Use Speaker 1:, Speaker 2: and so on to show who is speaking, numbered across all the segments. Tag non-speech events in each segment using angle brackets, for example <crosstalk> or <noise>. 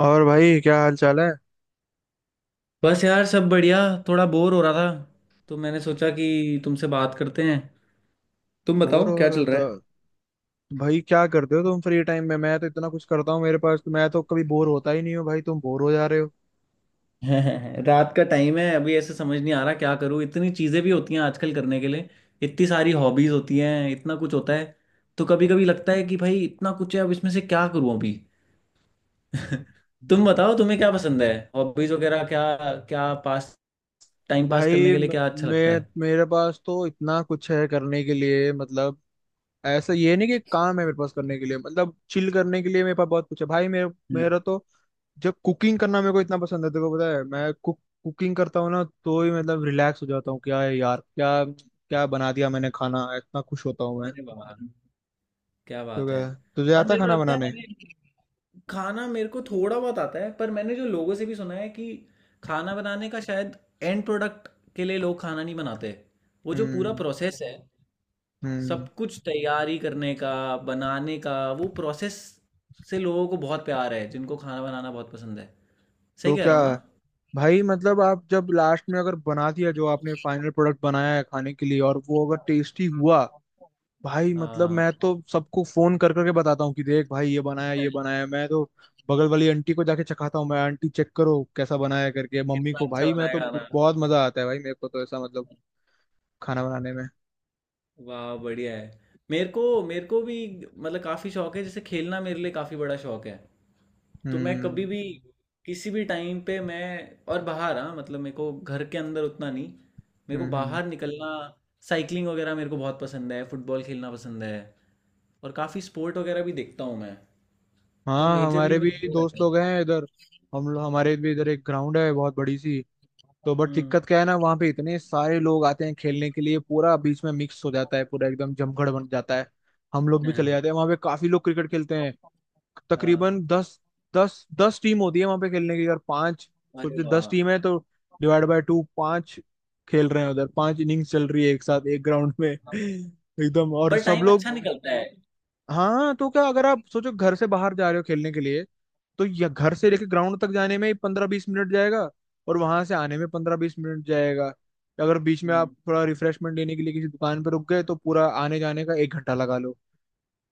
Speaker 1: और भाई क्या हाल चाल है?
Speaker 2: बस यार, सब बढ़िया। थोड़ा बोर हो रहा था, तो मैंने सोचा कि तुमसे बात करते हैं। तुम
Speaker 1: बोर
Speaker 2: बताओ
Speaker 1: हो
Speaker 2: क्या
Speaker 1: रहा
Speaker 2: चल
Speaker 1: था?
Speaker 2: रहा
Speaker 1: भाई क्या करते हो तुम फ्री टाइम में? मैं तो इतना कुछ करता हूँ मेरे पास, मैं तो कभी बोर होता ही नहीं हूँ। भाई तुम बोर हो जा रहे हो?
Speaker 2: है। <laughs> रात का टाइम है अभी, ऐसे समझ नहीं आ रहा क्या करूँ। इतनी चीज़ें भी होती हैं आजकल करने के लिए, इतनी सारी हॉबीज़ होती हैं, इतना कुछ होता है। तो कभी कभी लगता है कि भाई इतना कुछ है, अब इसमें से क्या करूँ अभी। <laughs> तुम बताओ तुम्हें क्या पसंद है। हॉबीज़ वगैरह क्या क्या पास टाइम पास करने
Speaker 1: भाई
Speaker 2: के लिए
Speaker 1: म-
Speaker 2: क्या अच्छा लगता है।
Speaker 1: मैं, मेरे पास तो इतना कुछ है करने के लिए, मतलब ऐसा ये नहीं कि काम है मेरे पास करने के लिए, मतलब चिल करने के लिए मेरे पास बहुत कुछ है भाई। मेरे,
Speaker 2: हम्म।
Speaker 1: मेरा तो, जब कुकिंग करना मेरे को इतना पसंद है, तेरे को पता है मैं कुकिंग करता हूँ ना तो ही मतलब रिलैक्स हो जाता हूँ। क्या है यार, क्या क्या बना दिया मैंने खाना, इतना खुश होता हूँ मैं।
Speaker 2: अरे वाह, क्या
Speaker 1: तो
Speaker 2: बात है।
Speaker 1: क्या तुझे
Speaker 2: और
Speaker 1: आता है
Speaker 2: मेरे को
Speaker 1: खाना
Speaker 2: लगता है
Speaker 1: बनाने?
Speaker 2: मैंने। खाना मेरे को थोड़ा बहुत आता है, पर मैंने जो लोगों से भी सुना है कि खाना बनाने का शायद एंड प्रोडक्ट के लिए लोग खाना नहीं बनाते। वो जो पूरा
Speaker 1: हम्म,
Speaker 2: प्रोसेस है, सब
Speaker 1: हम्म।
Speaker 2: कुछ तैयारी करने का, बनाने का, वो प्रोसेस से लोगों को बहुत प्यार है जिनको खाना बनाना बहुत पसंद है। सही
Speaker 1: तो
Speaker 2: कह
Speaker 1: क्या
Speaker 2: रहा हूँ ना।
Speaker 1: भाई, मतलब आप जब लास्ट में अगर बना दिया, जो आपने फाइनल प्रोडक्ट बनाया है खाने के लिए और वो अगर टेस्टी हुआ, भाई मतलब
Speaker 2: हाँ,
Speaker 1: मैं तो सबको फोन कर करके बताता हूँ कि देख भाई ये बनाया, ये बनाया। मैं तो बगल वाली आंटी को जाके चखाता हूँ, मैं आंटी चेक करो कैसा बनाया करके, मम्मी
Speaker 2: कितना
Speaker 1: को,
Speaker 2: अच्छा
Speaker 1: भाई मैं
Speaker 2: बनाया
Speaker 1: तो
Speaker 2: खाना।
Speaker 1: बहुत मजा आता है भाई मेरे को तो, ऐसा मतलब खाना बनाने में।
Speaker 2: वाह, बढ़िया है। मेरे को भी मतलब काफ़ी शौक है। जैसे खेलना मेरे लिए काफ़ी बड़ा शौक है। तो मैं कभी
Speaker 1: हम्म
Speaker 2: भी, किसी भी टाइम पे मैं, और बाहर। हाँ मतलब मेरे को घर के अंदर उतना नहीं, मेरे को
Speaker 1: हम्म हम्म।
Speaker 2: बाहर निकलना, साइकिलिंग वगैरह मेरे को बहुत पसंद है, फुटबॉल खेलना पसंद है, और काफ़ी स्पोर्ट वगैरह भी देखता हूँ मैं। तो
Speaker 1: हाँ,
Speaker 2: मेजरली
Speaker 1: हमारे भी
Speaker 2: मेरे को वो
Speaker 1: दोस्त
Speaker 2: रहता
Speaker 1: लोग
Speaker 2: है।
Speaker 1: हैं इधर। हम लोग, हमारे भी इधर एक ग्राउंड है बहुत बड़ी सी, तो बट
Speaker 2: हम्म।
Speaker 1: दिक्कत क्या है ना, वहाँ पे इतने सारे लोग आते हैं खेलने के लिए, पूरा बीच में मिक्स हो जाता है, पूरा एकदम जमघट बन जाता है। हम लोग भी चले जाते हैं वहाँ पे, काफी लोग क्रिकेट खेलते हैं,
Speaker 2: <laughs> हाँ,
Speaker 1: तकरीबन 10, 10-10 टीम होती है वहाँ पे खेलने की, और 5,
Speaker 2: अरे
Speaker 1: सोचते
Speaker 2: वाह।
Speaker 1: 10 टीम है तो डिवाइड बाय टू 5 खेल रहे हैं उधर, 5 इनिंग्स चल रही है एक साथ एक ग्राउंड में <laughs> एकदम, और
Speaker 2: पर
Speaker 1: सब
Speaker 2: टाइम
Speaker 1: लोग।
Speaker 2: अच्छा निकलता है।
Speaker 1: हाँ तो क्या, अगर आप सोचो घर से बाहर जा रहे हो खेलने के लिए, तो यह घर से लेके ग्राउंड तक जाने में ही 15-20 मिनट जाएगा, और वहां से आने में 15-20 मिनट जाएगा। अगर बीच में
Speaker 2: हम्म।
Speaker 1: आप थोड़ा रिफ्रेशमेंट लेने के लिए किसी दुकान पर रुक गए तो पूरा आने जाने का 1 घंटा लगा लो।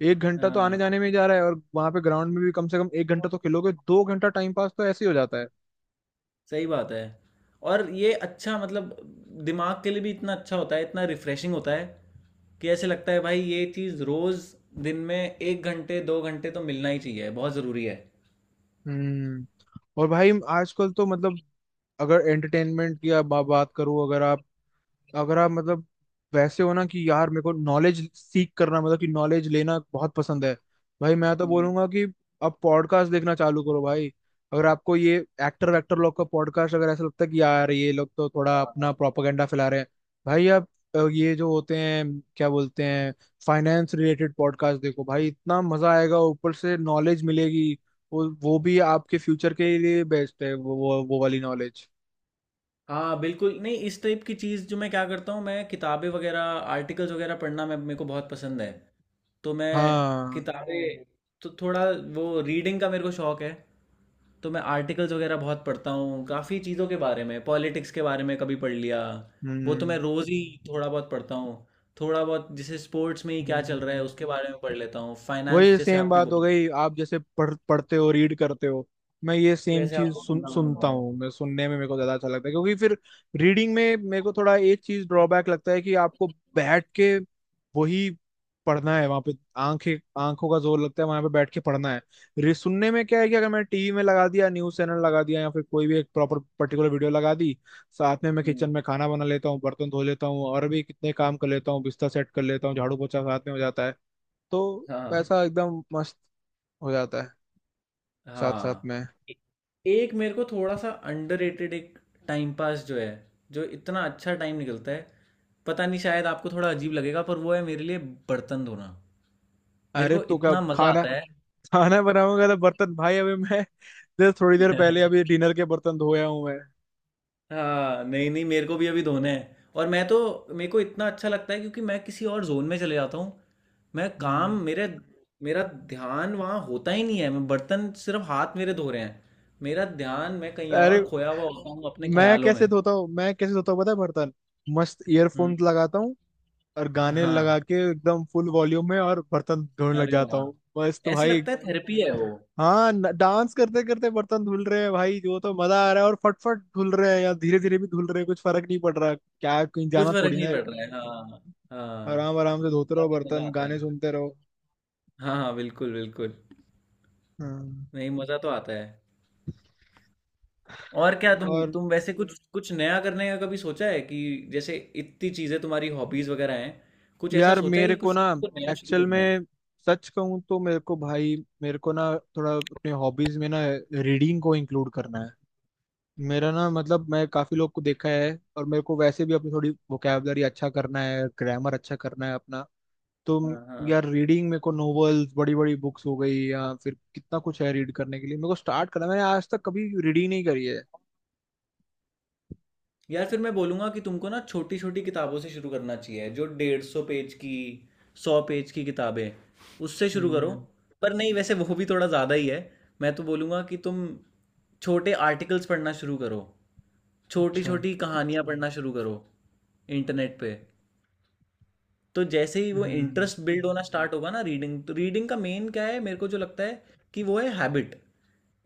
Speaker 1: एक घंटा तो आने
Speaker 2: हाँ,
Speaker 1: जाने में ही जा रहा है, और वहां पे ग्राउंड में भी कम से कम 1 घंटा तो खेलोगे, 2 घंटा टाइम पास तो ऐसे ही हो जाता है।
Speaker 2: सही बात है। और ये अच्छा मतलब दिमाग के लिए भी इतना अच्छा होता है, इतना रिफ्रेशिंग होता है कि ऐसे लगता है भाई ये चीज़ रोज़ दिन में एक घंटे दो घंटे तो मिलना ही चाहिए, बहुत ज़रूरी है।
Speaker 1: हम्म और भाई, आजकल तो मतलब, अगर एंटरटेनमेंट की आप बात करूँ, अगर आप, मतलब वैसे हो ना कि यार मेरे को नॉलेज सीख करना, मतलब कि नॉलेज लेना बहुत पसंद है। भाई मैं तो
Speaker 2: हम्म।
Speaker 1: बोलूंगा कि अब पॉडकास्ट देखना चालू करो भाई। अगर आपको ये एक्टर वैक्टर लोग का पॉडकास्ट अगर ऐसा लगता है कि यार ये लोग तो थोड़ा
Speaker 2: हाँ,
Speaker 1: अपना
Speaker 2: हाँ,
Speaker 1: प्रोपागेंडा फैला रहे हैं, भाई आप, ये जो होते हैं क्या बोलते हैं, फाइनेंस रिलेटेड पॉडकास्ट देखो भाई, इतना मजा आएगा, ऊपर से नॉलेज मिलेगी। वो भी आपके फ्यूचर के लिए बेस्ट है, वो वाली नॉलेज।
Speaker 2: हाँ, बिल्कुल। नहीं, इस टाइप की चीज़ जो, मैं क्या करता हूँ, मैं किताबें वगैरह, आर्टिकल्स वगैरह पढ़ना, मैं मेरे को बहुत पसंद है। तो मैं
Speaker 1: हाँ,
Speaker 2: किताबें। हम्म, तो थोड़ा वो रीडिंग का मेरे को शौक है। तो मैं आर्टिकल्स वगैरह बहुत पढ़ता हूँ, काफ़ी चीज़ों के बारे में, पॉलिटिक्स के बारे में कभी पढ़ लिया। वो तो
Speaker 1: हम्म,
Speaker 2: मैं रोज़ ही थोड़ा बहुत पढ़ता हूँ। थोड़ा बहुत जैसे स्पोर्ट्स में ही क्या चल रहा है
Speaker 1: हम्म।
Speaker 2: उसके बारे में पढ़ लेता हूँ, फाइनेंस
Speaker 1: वही
Speaker 2: जैसे
Speaker 1: सेम
Speaker 2: आपने
Speaker 1: बात हो
Speaker 2: बोला।
Speaker 1: गई, आप जैसे पढ़ पढ़ते हो, रीड करते हो, मैं ये सेम
Speaker 2: वैसे
Speaker 1: चीज
Speaker 2: आपको
Speaker 1: सुन
Speaker 2: सुनना पसंद
Speaker 1: सुनता
Speaker 2: है।
Speaker 1: हूँ। मैं सुनने में मेरे को ज्यादा अच्छा लगता है, क्योंकि फिर रीडिंग में मेरे को थोड़ा एक चीज ड्रॉबैक लगता है कि आपको बैठ के वही पढ़ना है वहां पे, आंखें, आंखों का जोर लगता है वहां पे, बैठ के पढ़ना है। रे, सुनने में क्या है कि अगर मैं टीवी में लगा दिया, न्यूज चैनल लगा दिया, या फिर कोई भी एक प्रॉपर पर्टिकुलर वीडियो लगा दी, साथ में मैं
Speaker 2: हम्म,
Speaker 1: किचन में खाना बना लेता हूँ, बर्तन धो लेता हूँ, और भी कितने काम कर लेता हूँ, बिस्तर सेट कर लेता हूँ, झाड़ू पोछा साथ में हो जाता है। तो
Speaker 2: हाँ।
Speaker 1: पैसा एकदम मस्त हो जाता है साथ साथ
Speaker 2: हाँ
Speaker 1: में।
Speaker 2: ए- एक मेरे को थोड़ा सा अंडररेटेड एक टाइम पास जो है, जो इतना अच्छा टाइम निकलता है, पता नहीं शायद आपको थोड़ा अजीब लगेगा, पर वो है मेरे लिए बर्तन धोना। मेरे
Speaker 1: अरे
Speaker 2: को
Speaker 1: तो क्या,
Speaker 2: इतना मजा
Speaker 1: खाना,
Speaker 2: आता है।
Speaker 1: खाना बनाऊंगा तो बर्तन, भाई अभी मैं, देर, थोड़ी देर पहले अभी
Speaker 2: <laughs>
Speaker 1: डिनर के बर्तन धोया हूँ मैं।
Speaker 2: हाँ, नहीं नहीं, मेरे को भी अभी धोना है। और मैं तो, मेरे को इतना अच्छा लगता है क्योंकि मैं किसी और जोन में चले जाता हूँ। मैं काम
Speaker 1: हम्म।
Speaker 2: मेरे, मेरा ध्यान वहाँ होता ही नहीं है। मैं बर्तन, सिर्फ हाथ मेरे धो रहे हैं, मेरा ध्यान मैं कहीं
Speaker 1: अरे,
Speaker 2: और खोया हुआ होता हूँ, अपने
Speaker 1: मैं
Speaker 2: ख्यालों में।
Speaker 1: कैसे धोता हूँ, मैं कैसे धोता हूँ पता है बर्तन, मस्त ईयरफोन्स
Speaker 2: हम्म।
Speaker 1: लगाता हूँ और गाने
Speaker 2: हाँ,
Speaker 1: लगा के एकदम फुल वॉल्यूम में, और बर्तन धोने लग
Speaker 2: अरे
Speaker 1: जाता
Speaker 2: वाह!
Speaker 1: हूँ मस्त
Speaker 2: ऐसे
Speaker 1: भाई।
Speaker 2: लगता है थेरेपी है वो।
Speaker 1: हाँ, डांस करते करते बर्तन धुल रहे हैं भाई, वो तो मजा आ रहा है, और फटफट धुल रहे हैं या धीरे धीरे भी धुल रहे हैं, कुछ फर्क नहीं पड़ रहा, क्या कहीं
Speaker 2: कुछ
Speaker 1: जाना
Speaker 2: फ़र्क
Speaker 1: थोड़ी ना
Speaker 2: नहीं
Speaker 1: है।
Speaker 2: पड़ रहा है। हाँ, हाँ,
Speaker 1: आराम आराम से धोते रहो
Speaker 2: काफ़ी मज़ा
Speaker 1: बर्तन,
Speaker 2: आता
Speaker 1: गाने
Speaker 2: है।
Speaker 1: सुनते रहो।
Speaker 2: हाँ, हाँ, बिल्कुल, बिल्कुल।
Speaker 1: हाँ
Speaker 2: नहीं, मज़ा तो आता है। और क्या, तुम
Speaker 1: और,
Speaker 2: तुम वैसे कुछ कुछ नया करने का कभी सोचा है कि, जैसे इतनी चीज़ें तुम्हारी हॉबीज़ वगैरह हैं, कुछ ऐसा
Speaker 1: यार
Speaker 2: सोचा है
Speaker 1: मेरे
Speaker 2: कि
Speaker 1: को
Speaker 2: कुछ
Speaker 1: ना,
Speaker 2: तुमको नया शुरू
Speaker 1: एक्चुअल
Speaker 2: करना है?
Speaker 1: में, सच कहूँ तो मेरे को भाई, मेरे को ना, थोड़ा अपने हॉबीज में ना रीडिंग को इंक्लूड करना है। मेरा ना मतलब, मैं काफी लोग को देखा है, और मेरे को वैसे भी अपनी थोड़ी वोकैबलरी अच्छा करना है, ग्रामर अच्छा करना है अपना, तो
Speaker 2: हाँ, हाँ।
Speaker 1: यार रीडिंग, मेरे को नॉवेल्स, बड़ी बड़ी बुक्स हो गई, या फिर कितना कुछ है रीड करने के लिए, मेरे को स्टार्ट करना है। मैंने आज तक कभी रीडिंग नहीं करी है।
Speaker 2: यार फिर मैं बोलूँगा कि तुमको ना छोटी छोटी किताबों से शुरू करना चाहिए, जो डेढ़ सौ पेज की, सौ पेज की किताबें, उससे शुरू करो।
Speaker 1: हम्म।
Speaker 2: पर नहीं, वैसे वो भी थोड़ा ज़्यादा ही है। मैं तो बोलूँगा कि तुम छोटे आर्टिकल्स पढ़ना शुरू करो, छोटी
Speaker 1: अच्छा।
Speaker 2: छोटी कहानियाँ पढ़ना शुरू करो, इंटरनेट पे। तो जैसे ही वो
Speaker 1: हम्म।
Speaker 2: इंटरेस्ट बिल्ड होना स्टार्ट होगा ना रीडिंग, तो रीडिंग का मेन क्या है मेरे को जो लगता है कि वो है हैबिट।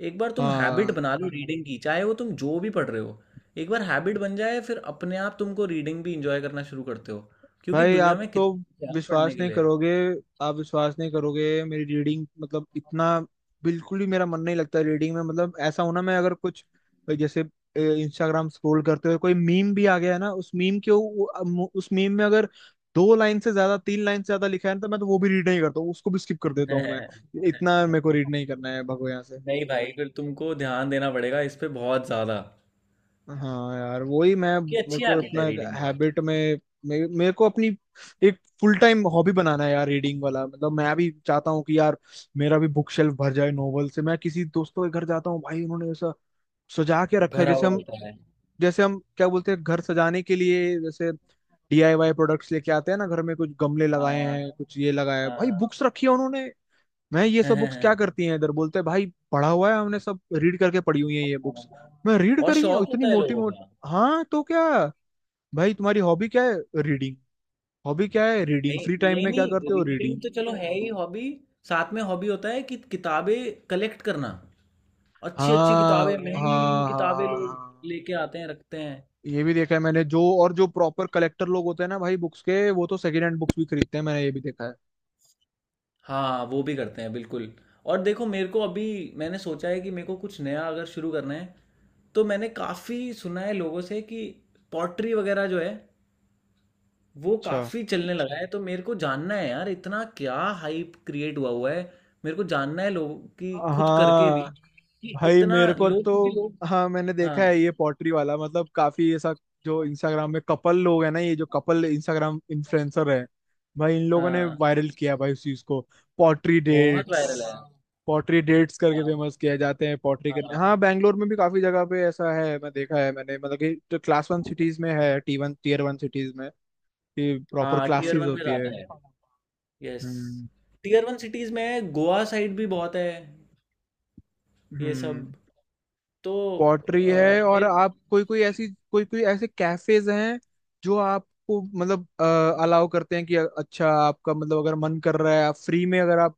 Speaker 2: एक बार तुम हैबिट
Speaker 1: हाँ,
Speaker 2: बना लो रीडिंग की, चाहे वो तुम जो भी पढ़ रहे हो, एक बार हैबिट बन जाए फिर अपने आप तुमको रीडिंग भी इंजॉय करना शुरू करते हो, क्योंकि
Speaker 1: भाई
Speaker 2: दुनिया
Speaker 1: आप
Speaker 2: में
Speaker 1: तो
Speaker 2: कितना कुछ है यार पढ़ने
Speaker 1: विश्वास
Speaker 2: के
Speaker 1: नहीं
Speaker 2: लिए।
Speaker 1: करोगे, आप विश्वास नहीं करोगे मेरी रीडिंग, मतलब इतना बिल्कुल ही मेरा मन नहीं लगता रीडिंग में, मतलब ऐसा होना। मैं अगर कुछ, जैसे इंस्टाग्राम स्क्रॉल करते हुए कोई मीम भी आ गया है ना, उस मीम के, उस मीम में अगर 2 लाइन से ज्यादा, 3 लाइन से ज्यादा लिखा है ना, तो मैं तो वो भी रीड नहीं करता हूँ, उसको भी स्किप कर देता हूँ मैं।
Speaker 2: है।
Speaker 1: इतना
Speaker 2: <laughs>
Speaker 1: मेरे को रीड नहीं करना है, भगो यहाँ से।
Speaker 2: नहीं भाई, फिर तुमको ध्यान देना पड़ेगा इस पे बहुत ज्यादा,
Speaker 1: हाँ यार, वही मैं,
Speaker 2: कि
Speaker 1: मेरे
Speaker 2: अच्छी
Speaker 1: को
Speaker 2: हैबिट
Speaker 1: अपना
Speaker 2: है
Speaker 1: एक
Speaker 2: रीडिंग बहुत।
Speaker 1: हैबिट में, मेरे को अपनी एक फुल टाइम हॉबी बनाना है यार रीडिंग वाला। मतलब मैं भी चाहता हूँ कि यार मेरा भी बुक शेल्फ भर जाए नॉवल से। मैं किसी दोस्तों के घर जाता हूँ भाई, उन्होंने ऐसा सजा के रखा है
Speaker 2: भरा
Speaker 1: जैसे
Speaker 2: हुआ
Speaker 1: हम,
Speaker 2: होता है।
Speaker 1: जैसे हम क्या बोलते हैं, घर सजाने के लिए जैसे DIY प्रोडक्ट्स लेके आते हैं ना घर में, कुछ गमले लगाए
Speaker 2: हाँ,
Speaker 1: हैं, कुछ ये लगाया है, भाई
Speaker 2: हाँ।
Speaker 1: बुक्स रखी है उन्होंने। मैं, ये
Speaker 2: <laughs>
Speaker 1: सब बुक्स क्या
Speaker 2: हाँ।
Speaker 1: करती हैं इधर, बोलते हैं भाई पढ़ा हुआ है हमने, सब रीड करके पढ़ी हुई है ये बुक्स। मैं रीड
Speaker 2: और
Speaker 1: करी है
Speaker 2: शौक
Speaker 1: इतनी
Speaker 2: होता है
Speaker 1: मोटी
Speaker 2: लोगों
Speaker 1: मोटी।
Speaker 2: का।
Speaker 1: हाँ तो क्या, भाई तुम्हारी हॉबी क्या है? रीडिंग। हॉबी क्या है? रीडिंग।
Speaker 2: नहीं
Speaker 1: फ्री टाइम
Speaker 2: नहीं
Speaker 1: में क्या
Speaker 2: नहीं,
Speaker 1: करते हो?
Speaker 2: Reading
Speaker 1: reading.
Speaker 2: तो चलो है ही हॉबी, साथ में हॉबी होता है कि किताबें कलेक्ट करना। अच्छी अच्छी
Speaker 1: हाँ,
Speaker 2: किताबें, महंगी महंगी
Speaker 1: हाँ, हाँ,
Speaker 2: किताबें
Speaker 1: हाँ,
Speaker 2: लोग,
Speaker 1: हाँ।
Speaker 2: हम्म, लेके आते हैं, रखते हैं।
Speaker 1: ये भी देखा है मैंने, जो और जो प्रॉपर कलेक्टर लोग होते हैं ना भाई बुक्स के, वो तो सेकेंड हैंड बुक्स भी खरीदते हैं, मैंने ये भी देखा है।
Speaker 2: हाँ, वो भी करते हैं बिल्कुल। और देखो, मेरे को अभी, मैंने सोचा है कि मेरे को कुछ नया अगर शुरू करना है, तो मैंने काफ़ी सुना है लोगों से कि पॉटरी वगैरह जो है वो
Speaker 1: अच्छा।
Speaker 2: काफ़ी चलने लगा है। तो मेरे को जानना है यार, इतना क्या हाइप क्रिएट हुआ हुआ है। मेरे को जानना है लोगों की, खुद करके भी,
Speaker 1: हाँ,
Speaker 2: कि
Speaker 1: भाई
Speaker 2: इतना
Speaker 1: मेरे को
Speaker 2: लोग, क्योंकि
Speaker 1: तो,
Speaker 2: लोग,
Speaker 1: हाँ मैंने
Speaker 2: हाँ
Speaker 1: देखा है ये पॉटरी वाला, मतलब काफी ऐसा, जो इंस्टाग्राम में कपल लोग है ना, ये जो कपल इंस्टाग्राम इन्फ्लुएंसर है, भाई इन लोगों ने
Speaker 2: हाँ,
Speaker 1: वायरल किया भाई उस चीज को। पॉटरी
Speaker 2: बहुत वायरल
Speaker 1: डेट्स,
Speaker 2: है।
Speaker 1: पॉटरी डेट्स करके
Speaker 2: हाँ।
Speaker 1: फेमस किया, जाते हैं पॉटरी करने। हाँ
Speaker 2: हाँ,
Speaker 1: बैंगलोर में भी काफी जगह पे ऐसा है, मैं देखा है मैंने, मतलब कि जो क्लास 1 सिटीज में है, टी वन टीयर 1 सिटीज में कि प्रॉपर
Speaker 2: हाँ, टीयर
Speaker 1: क्लासेस
Speaker 2: वन में
Speaker 1: होती है।
Speaker 2: ज़्यादा है, yes.
Speaker 1: Hmm,
Speaker 2: tier one cities में गोवा साइड भी बहुत है, ये सब।
Speaker 1: हम्म।
Speaker 2: तो
Speaker 1: पॉटरी
Speaker 2: अ,
Speaker 1: है, और
Speaker 2: मेरे,
Speaker 1: आप कोई कोई ऐसी, कोई कोई ऐसे कैफेज हैं जो आपको मतलब अलाउ करते हैं कि अच्छा आपका मतलब, अगर मन कर रहा है, आप फ्री में अगर आप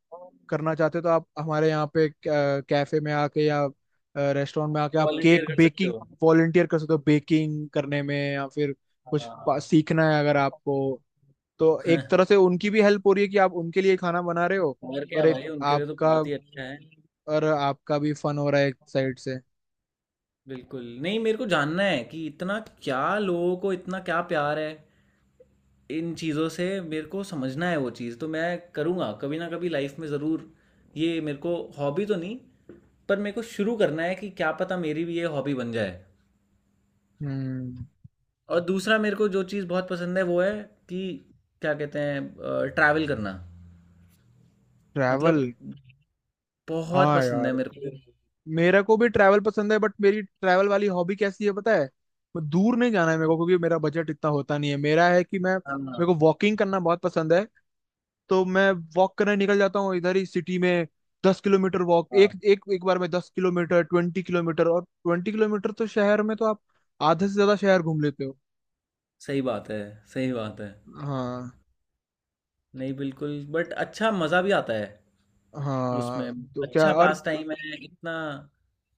Speaker 1: करना चाहते हो, तो आप हमारे यहाँ पे कैफे में आके या रेस्टोरेंट में आके आप
Speaker 2: वॉलंटियर
Speaker 1: केक
Speaker 2: कर सकते
Speaker 1: बेकिंग,
Speaker 2: हो।
Speaker 1: वॉलंटियर कर सकते हो बेकिंग करने में, या फिर कुछ
Speaker 2: हाँ।
Speaker 1: सीखना है अगर आपको, तो एक तरह
Speaker 2: <laughs>
Speaker 1: से उनकी भी हेल्प हो रही है कि आप उनके लिए खाना बना रहे हो,
Speaker 2: और क्या
Speaker 1: और एक
Speaker 2: भाई, उनके लिए तो
Speaker 1: आपका,
Speaker 2: बहुत ही अच्छा है।
Speaker 1: और आपका भी फन हो रहा है एक साइड से।
Speaker 2: बिल्कुल, नहीं, मेरे को जानना है कि इतना क्या, लोगों को इतना क्या प्यार है इन चीज़ों से, मेरे को समझना है। वो चीज़ तो मैं करूँगा कभी ना कभी लाइफ में ज़रूर। ये मेरे को हॉबी तो नहीं, पर मेरे को शुरू करना है कि क्या पता मेरी भी ये हॉबी बन जाए।
Speaker 1: हम्म।
Speaker 2: और दूसरा मेरे को जो चीज़ बहुत पसंद है वो है कि क्या कहते हैं, ट्रैवल करना मतलब,
Speaker 1: ट्रैवल।
Speaker 2: बहुत
Speaker 1: हाँ
Speaker 2: पसंद है
Speaker 1: यार,
Speaker 2: मेरे को।
Speaker 1: मेरे को भी ट्रैवल पसंद है, बट मेरी ट्रैवल वाली हॉबी कैसी है पता है, मैं दूर नहीं जाना है मेरे को, क्योंकि मेरा बजट इतना होता नहीं है। मेरा है कि मैं,
Speaker 2: हाँ,
Speaker 1: मेरे को वॉकिंग करना बहुत पसंद है, तो मैं वॉक करने निकल जाता हूँ इधर ही सिटी में। 10 किलोमीटर वॉक, एक
Speaker 2: हाँ,
Speaker 1: एक एक बार में 10 किलोमीटर, 20 किलोमीटर, और 20 किलोमीटर तो शहर में तो आप आधे से ज्यादा शहर घूम लेते हो।
Speaker 2: सही बात है, सही बात है।
Speaker 1: हाँ।
Speaker 2: नहीं, बिल्कुल, बट अच्छा मज़ा भी आता है
Speaker 1: हाँ
Speaker 2: उसमें।
Speaker 1: तो क्या,
Speaker 2: अच्छा
Speaker 1: और
Speaker 2: पास टाइम है, इतना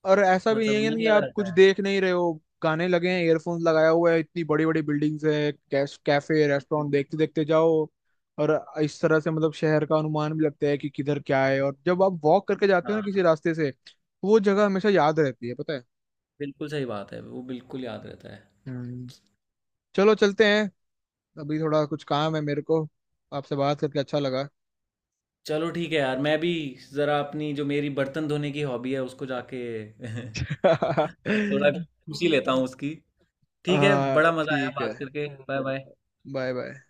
Speaker 1: और ऐसा भी
Speaker 2: मतलब
Speaker 1: नहीं है
Speaker 2: मन
Speaker 1: कि
Speaker 2: लगा
Speaker 1: आप कुछ
Speaker 2: रहता है।
Speaker 1: देख नहीं रहे हो, गाने लगे हैं, ईयरफोन्स लगाया हुआ है, इतनी बड़ी बड़ी बिल्डिंग्स है, कैश, कैफे, रेस्टोरेंट
Speaker 2: बिल्कुल।
Speaker 1: देखते देखते जाओ। और इस तरह से मतलब शहर का अनुमान भी लगता है कि किधर क्या है, और जब आप वॉक करके जाते हो ना
Speaker 2: हाँ,
Speaker 1: किसी रास्ते से, तो वो जगह हमेशा याद रहती है पता है।
Speaker 2: बिल्कुल सही बात है, वो बिल्कुल याद रहता है।
Speaker 1: हम्म। चलो चलते हैं, अभी थोड़ा कुछ काम है मेरे को, आपसे बात करके अच्छा लगा।
Speaker 2: चलो ठीक है यार, मैं भी ज़रा अपनी जो मेरी बर्तन धोने की हॉबी है उसको जाके <laughs> थोड़ा
Speaker 1: <laughs>
Speaker 2: खुशी लेता हूँ उसकी। ठीक है,
Speaker 1: हाँ
Speaker 2: बड़ा मजा आया
Speaker 1: ठीक है,
Speaker 2: बात करके। Bye bye.
Speaker 1: Bye bye.